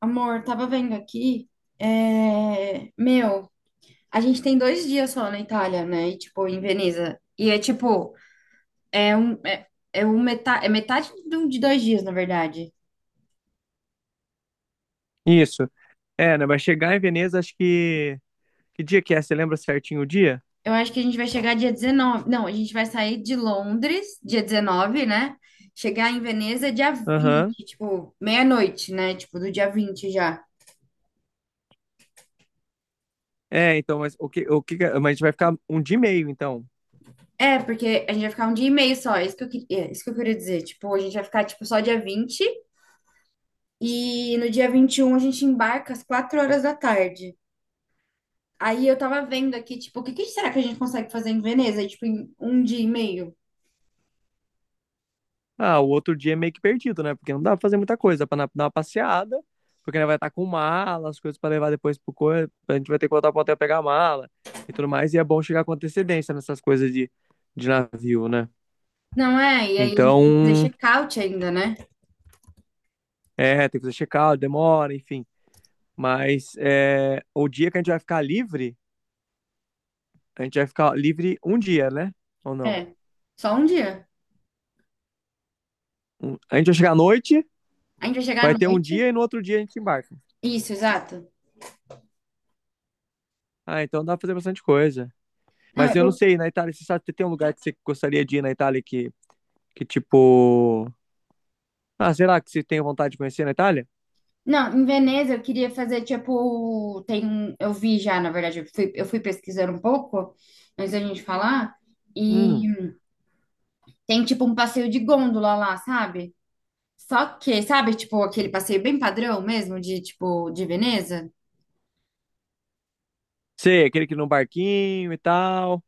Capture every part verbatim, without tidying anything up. Amor, tava vendo aqui. é, Meu, a gente tem dois dias só na Itália, né? E, tipo, em Veneza. E é tipo, é um, é, é um meta... é metade de, um- de dois dias, na verdade. Isso. É, né? Vai chegar em Veneza, acho que. Que dia que é? Você lembra certinho o dia? Eu acho que a gente vai chegar dia dezenove. Não, a gente vai sair de Londres dia dezenove, né? Chegar em Veneza dia Aham. vinte, tipo, meia-noite, né? Tipo, do dia vinte já. É, então, mas o que, o que. Mas a gente vai ficar um dia e meio, então. É, porque a gente vai ficar um dia e meio só, é isso que eu queria, isso que eu queria dizer. Tipo, a gente vai ficar, tipo, só dia vinte. E no dia vinte e um a gente embarca às quatro horas da tarde. Aí eu tava vendo aqui, tipo, o que que será que a gente consegue fazer em Veneza? Tipo, em um dia e meio? Ah, o outro dia é meio que perdido, né? Porque não dá pra fazer muita coisa. Dá pra na- dar uma passeada, porque né, vai estar com mala, as coisas pra levar depois pro corpo. A gente vai ter que voltar pro hotel pegar a mala e tudo mais. E é bom chegar com antecedência nessas coisas de, de navio, né? Não é? E aí a gente tem que fazer Então, check-out ainda, né? é, tem que fazer check-out, demora, enfim. Mas é, o dia que a gente vai ficar livre. A gente vai ficar livre um dia, né? Ou não? É, só um dia. Um- A gente vai chegar à noite, A gente vai chegar vai à ter um dia noite. e no outro dia a gente embarca. Isso, exato. Ah, então dá pra fazer bastante coisa. Não, Mas eu não eu- sei, na Itália, você sabe, tem um lugar que você gostaria de ir na Itália que, que tipo... Ah, será que você tem vontade de conhecer na Itália? não, em Veneza eu queria fazer, tipo, tem, um- eu vi já, na verdade, eu fui, eu fui pesquisando um pouco antes da gente falar. E Hum, tem, tipo, um passeio de gôndola lá, sabe? Só que, sabe, tipo, aquele passeio bem padrão mesmo, de, tipo, de Veneza? sei, aquele que no barquinho e tal,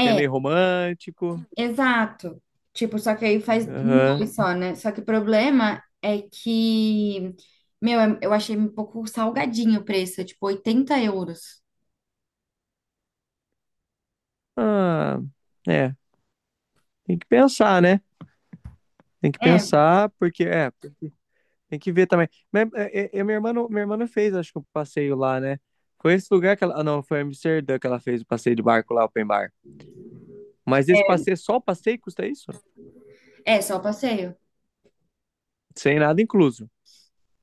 que é meio romântico. exato. Tipo, só que aí faz em dois Aham. só, né? Só que o problema é que, meu, eu achei um pouco salgadinho o preço, é tipo oitenta euros. Ah, é, tem que pensar, né? Tem que É, pensar, porque é. Tem que ver também. Mas, é, é, é, minha irmã, não- minha irmã não fez, acho que o passeio lá, né? Foi esse lugar que ela. Ah, não, foi Amsterdã que ela fez o passeio de barco lá, open bar. Mas esse passeio, só o passeio custa isso? é só o passeio. Sem nada incluso.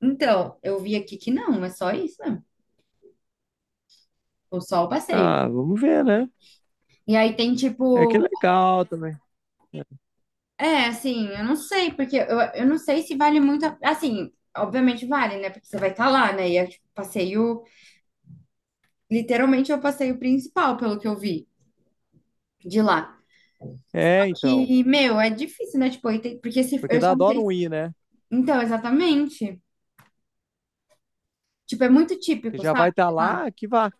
Então, eu vi aqui que não, é só isso, né? Ou só o passeio. Ah, vamos ver, né? E aí tem É que é tipo, legal também. é, assim, eu não sei, porque eu, eu não sei se vale muito, a- assim, obviamente vale, né? Porque você vai estar lá, né? E é tipo, passeio. Literalmente é o passeio principal, pelo que eu vi de lá. Só É, então. que, meu, é difícil, né? Tipo, aí tem- porque se, Porque eu dá só não dó sei. não se- ir, né? Então, exatamente. Tipo, é muito Que típico, já sabe? vai estar De lá. lá, que vá.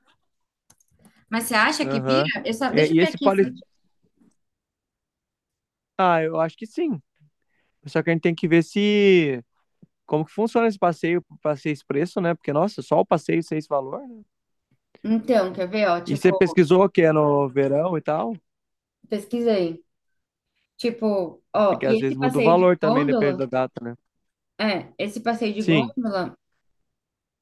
Mas você acha que Aham. pira? Eu só, É, deixa eu e ver esse aqui. poli... se- Ah, eu acho que sim. Só que a gente tem que ver se como que funciona esse passeio, passeio expresso, né? Porque, nossa, só o passeio sem esse valor, né? Então, quer ver, ó? E você Tipo, pesquisou que é no verão e tal? pesquisei. Tipo, ó, Porque às e esse vezes muda o passeio de valor também, depende gôndola? da data, né? É, esse passeio de Sim. gôndola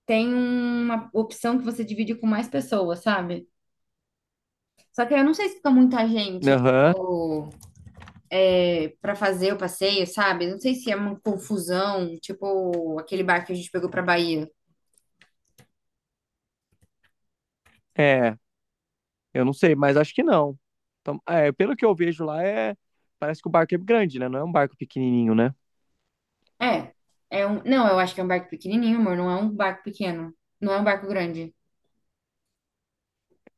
tem uma opção que você divide com mais pessoas, sabe? Só que eu não sei se fica muita gente, Aham. tipo, para fazer o passeio, sabe? Não sei se é uma confusão, tipo aquele barco que a gente pegou pra Bahia. É. Eu não sei, mas acho que não. Então, é, pelo que eu vejo lá, é. Parece que o barco é grande, né? Não é um barco pequenininho, né? É, é um, não, eu acho que é um barco pequenininho, amor, não é um barco pequeno, não é um barco grande.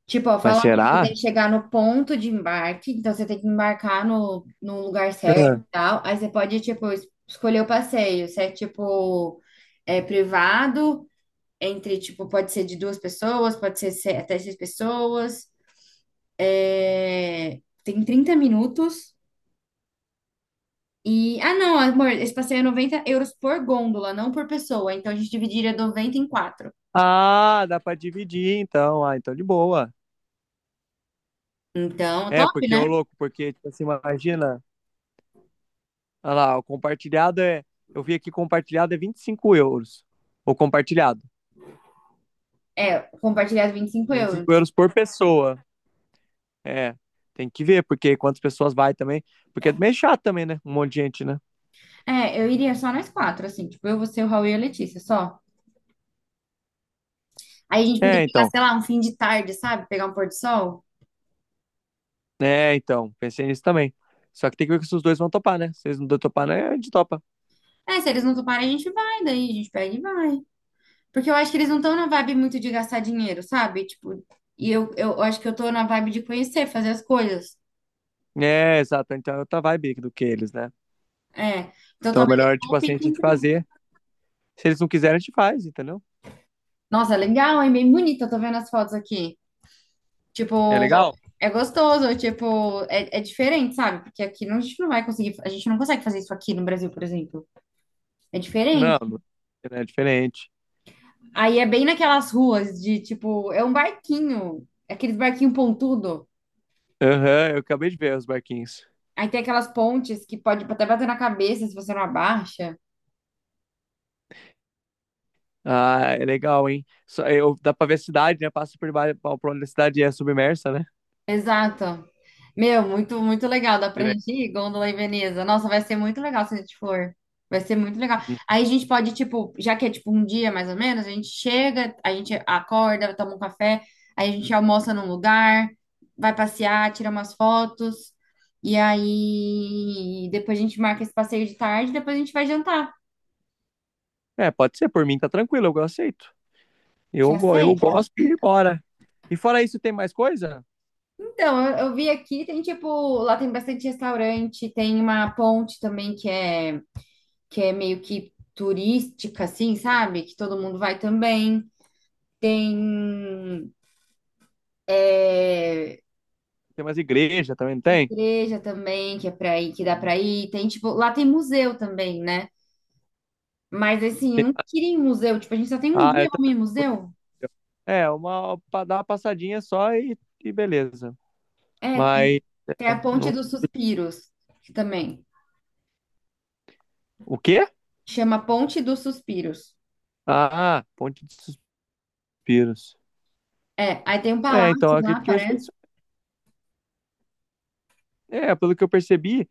Tipo, ó, Mas falam que você será? tem que chegar no ponto de embarque, então você tem que embarcar no, no lugar certo e É. tal. Aí você pode, tipo, es- escolher o passeio, se é tipo é privado, entre, tipo, pode ser de duas pessoas, pode ser se- até seis pessoas. É, tem trinta minutos. E, ah, não, amor, esse passeio é noventa euros por gôndola, não por pessoa. Então a gente dividiria noventa em quatro. Ah, dá pra dividir, então. Ah, então de boa. Então, É, top, porque, ô né? louco, porque, tipo assim, imagina. Olha lá, o compartilhado é. Eu vi aqui compartilhado é vinte e cinco euros. O compartilhado. Compartilhar os vinte e cinco Vinte e cinco euros. euros por pessoa. É. Tem que ver, porque quantas pessoas vai também. Porque é meio chato também, né? Um monte de gente, né? É, eu iria só nós quatro, assim, tipo, eu, você, o Raul e a Letícia, só. Aí a gente podia É, pegar, então. sei lá, um fim de tarde, sabe? Pegar um pôr do sol. É, então. Pensei nisso também. Só que tem que ver se os dois vão topar, né? Se eles não topar, né? A gente topa. É, se eles não toparem, a gente vai, daí a gente pega e vai. Porque eu acho que eles não estão na vibe muito de gastar dinheiro, sabe? Tipo, e eu, eu acho que eu tô na vibe de conhecer, fazer as coisas. É, exato. Então é outra vibe do que eles, né? É. Então Então é talvez eles melhor, não tipo assim, a optem gente por isso. fazer. Se eles não quiserem, a gente faz, entendeu? Nossa, legal, hein? Bem bonita, tô vendo as fotos aqui. Tipo, É legal? é gostoso, tipo, é, é diferente, sabe? Porque aqui não- a gente não vai conseguir, a gente não consegue fazer isso aqui no Brasil, por exemplo. É Não, diferente. não é diferente. Aí é bem naquelas ruas de, tipo, é um barquinho, é aqueles barquinho pontudo. Aham, eu acabei de ver os barquinhos. Aí tem aquelas pontes que pode até bater na cabeça se você não abaixa. Ah, é legal, hein? Só, eu, dá pra ver a cidade, né? Passa por baixo, por onde a cidade é submersa, né? Exato. Meu, muito, muito legal. Dá Que pra le- gente ir, Gôndola e Veneza. Nossa, vai ser muito legal se a gente for. Vai ser muito legal. Aí a gente pode, tipo, já que é tipo um dia mais ou menos, a gente chega, a gente acorda, toma um café, aí a gente almoça num lugar, vai passear, tira umas fotos, e aí depois a gente marca esse passeio de tarde, depois a gente vai jantar. É, pode ser, por mim tá tranquilo, eu aceito. Você Eu, go- eu aceita? gosto e bora. E fora isso, tem mais coisa? Então, eu, eu vi aqui, tem tipo, lá tem bastante restaurante, tem uma ponte também que é que é meio que turística, assim, sabe? Que todo mundo vai também. Tem é, Tem mais igreja também, não tem? igreja também, que é pra ir, que dá pra ir. Tem, tipo, lá tem museu também, né? Mas, assim, eu não queria ir em museu. Tipo, a gente só tem um Ah, dia eu pra também. ir em Curto. museu. É, uma, pra dar uma passadinha só e, e beleza. É, Mas, tem, tem a Ponte não... dos Suspiros, que também o quê? chama Ponte dos Suspiros. Ah, Ponte de Suspiros. É, aí tem um É, então, palácio eu lá, acredito que vai ser parece. isso. É, pelo que eu percebi,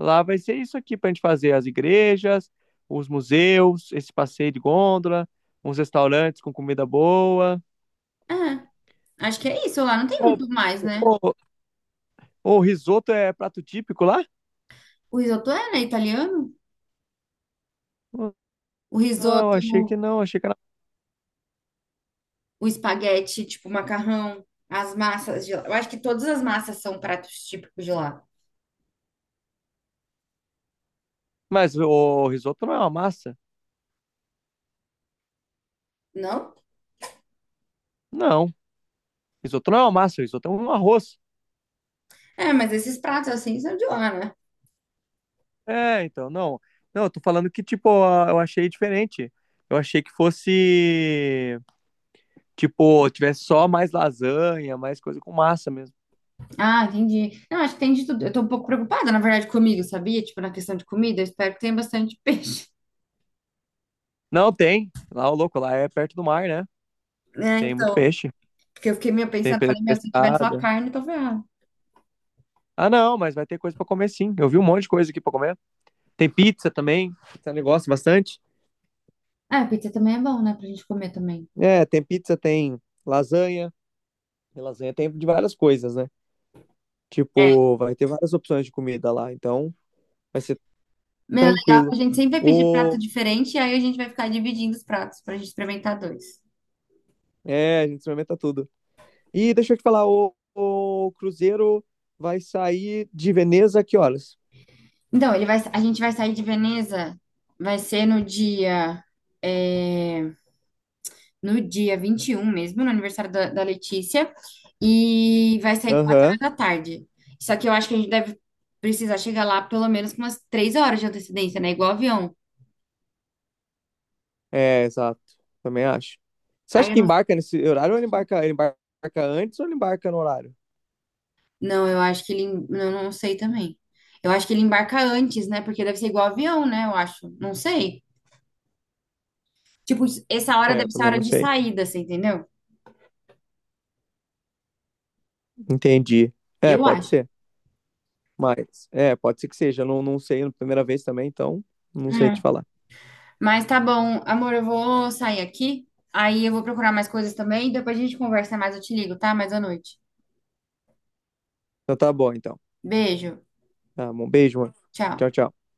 lá vai ser isso aqui para a gente fazer as igrejas, os museus, esse passeio de gôndola, uns restaurantes com comida boa. É, acho que é isso lá. Não tem Ô, muito mais, né? ô, ô, o risoto é prato típico lá? O risoto é, né, italiano? O Não, risoto achei que não, achei que era. o espaguete, tipo, macarrão, as massas de lá. Eu acho que todas as massas são pratos típicos de lá, Mas o risoto não é uma massa? não? Não, risoto não é uma massa, risoto é um arroz. É, mas esses pratos assim são de lá, né? É, então, não. Não, eu tô falando que, tipo, a- eu achei diferente. Eu achei que fosse, tipo, tivesse só mais lasanha, mais coisa com massa mesmo. Ah, entendi. Não, acho que tem de tudo. Eu tô um pouco preocupada, na verdade, comigo, sabia? Tipo, na questão de comida, eu espero que tenha bastante peixe. Não, tem. Lá, o louco, lá é perto do mar, né? É, Tem muito então, peixe. porque eu fiquei meio Tem pensando, pe- falei, meu, se tiver só pescada. carne, eu tô ferrada. Ah, não, mas vai ter coisa pra comer sim. Eu vi um monte de coisa aqui pra comer. Tem pizza também. Você negócio bastante. Ah, pizza também é bom, né? Pra gente comer também. É, tem pizza, tem lasanha. E lasanha tem de várias coisas, né? É. Tipo, vai ter várias opções de comida lá. Então, vai ser Meu, legal tranquilo. que a gente sempre vai pedir prato O... diferente e aí a gente vai ficar dividindo os pratos pra gente experimentar dois. É, a gente experimenta tudo. E deixa eu te falar, o, o cruzeiro vai sair de Veneza a que horas? Então, ele vai, a gente vai sair de Veneza, vai ser no dia, é, no dia vinte e um mesmo, no aniversário da, da Letícia, e vai sair quatro horas Aham. da tarde. Só que eu acho que a gente deve precisar chegar lá pelo menos com umas três horas de antecedência, né? Igual avião. É, exato. Também acho. Você Aí acha eu que não, embarca nesse horário ou ele embarca, ele embarca antes ou ele embarca no horário? não, eu acho que ele, em- eu não sei também. Eu acho que ele embarca antes, né? Porque deve ser igual avião, né? Eu acho. Não sei. Tipo, essa hora É, deve eu ser a também hora não de sei. saída, você entendeu? Entendi. É, Eu pode acho. ser. Mas, é, pode ser que seja. Eu não, não sei na primeira vez também, então não sei te falar. Mas tá bom, amor, eu vou sair aqui. Aí eu vou procurar mais coisas também. Depois a gente conversa mais, eu te ligo, tá? Mais à noite. Então tá bom, então. Beijo. Tá bom, beijo, mano. Tchau. Tchau, tchau.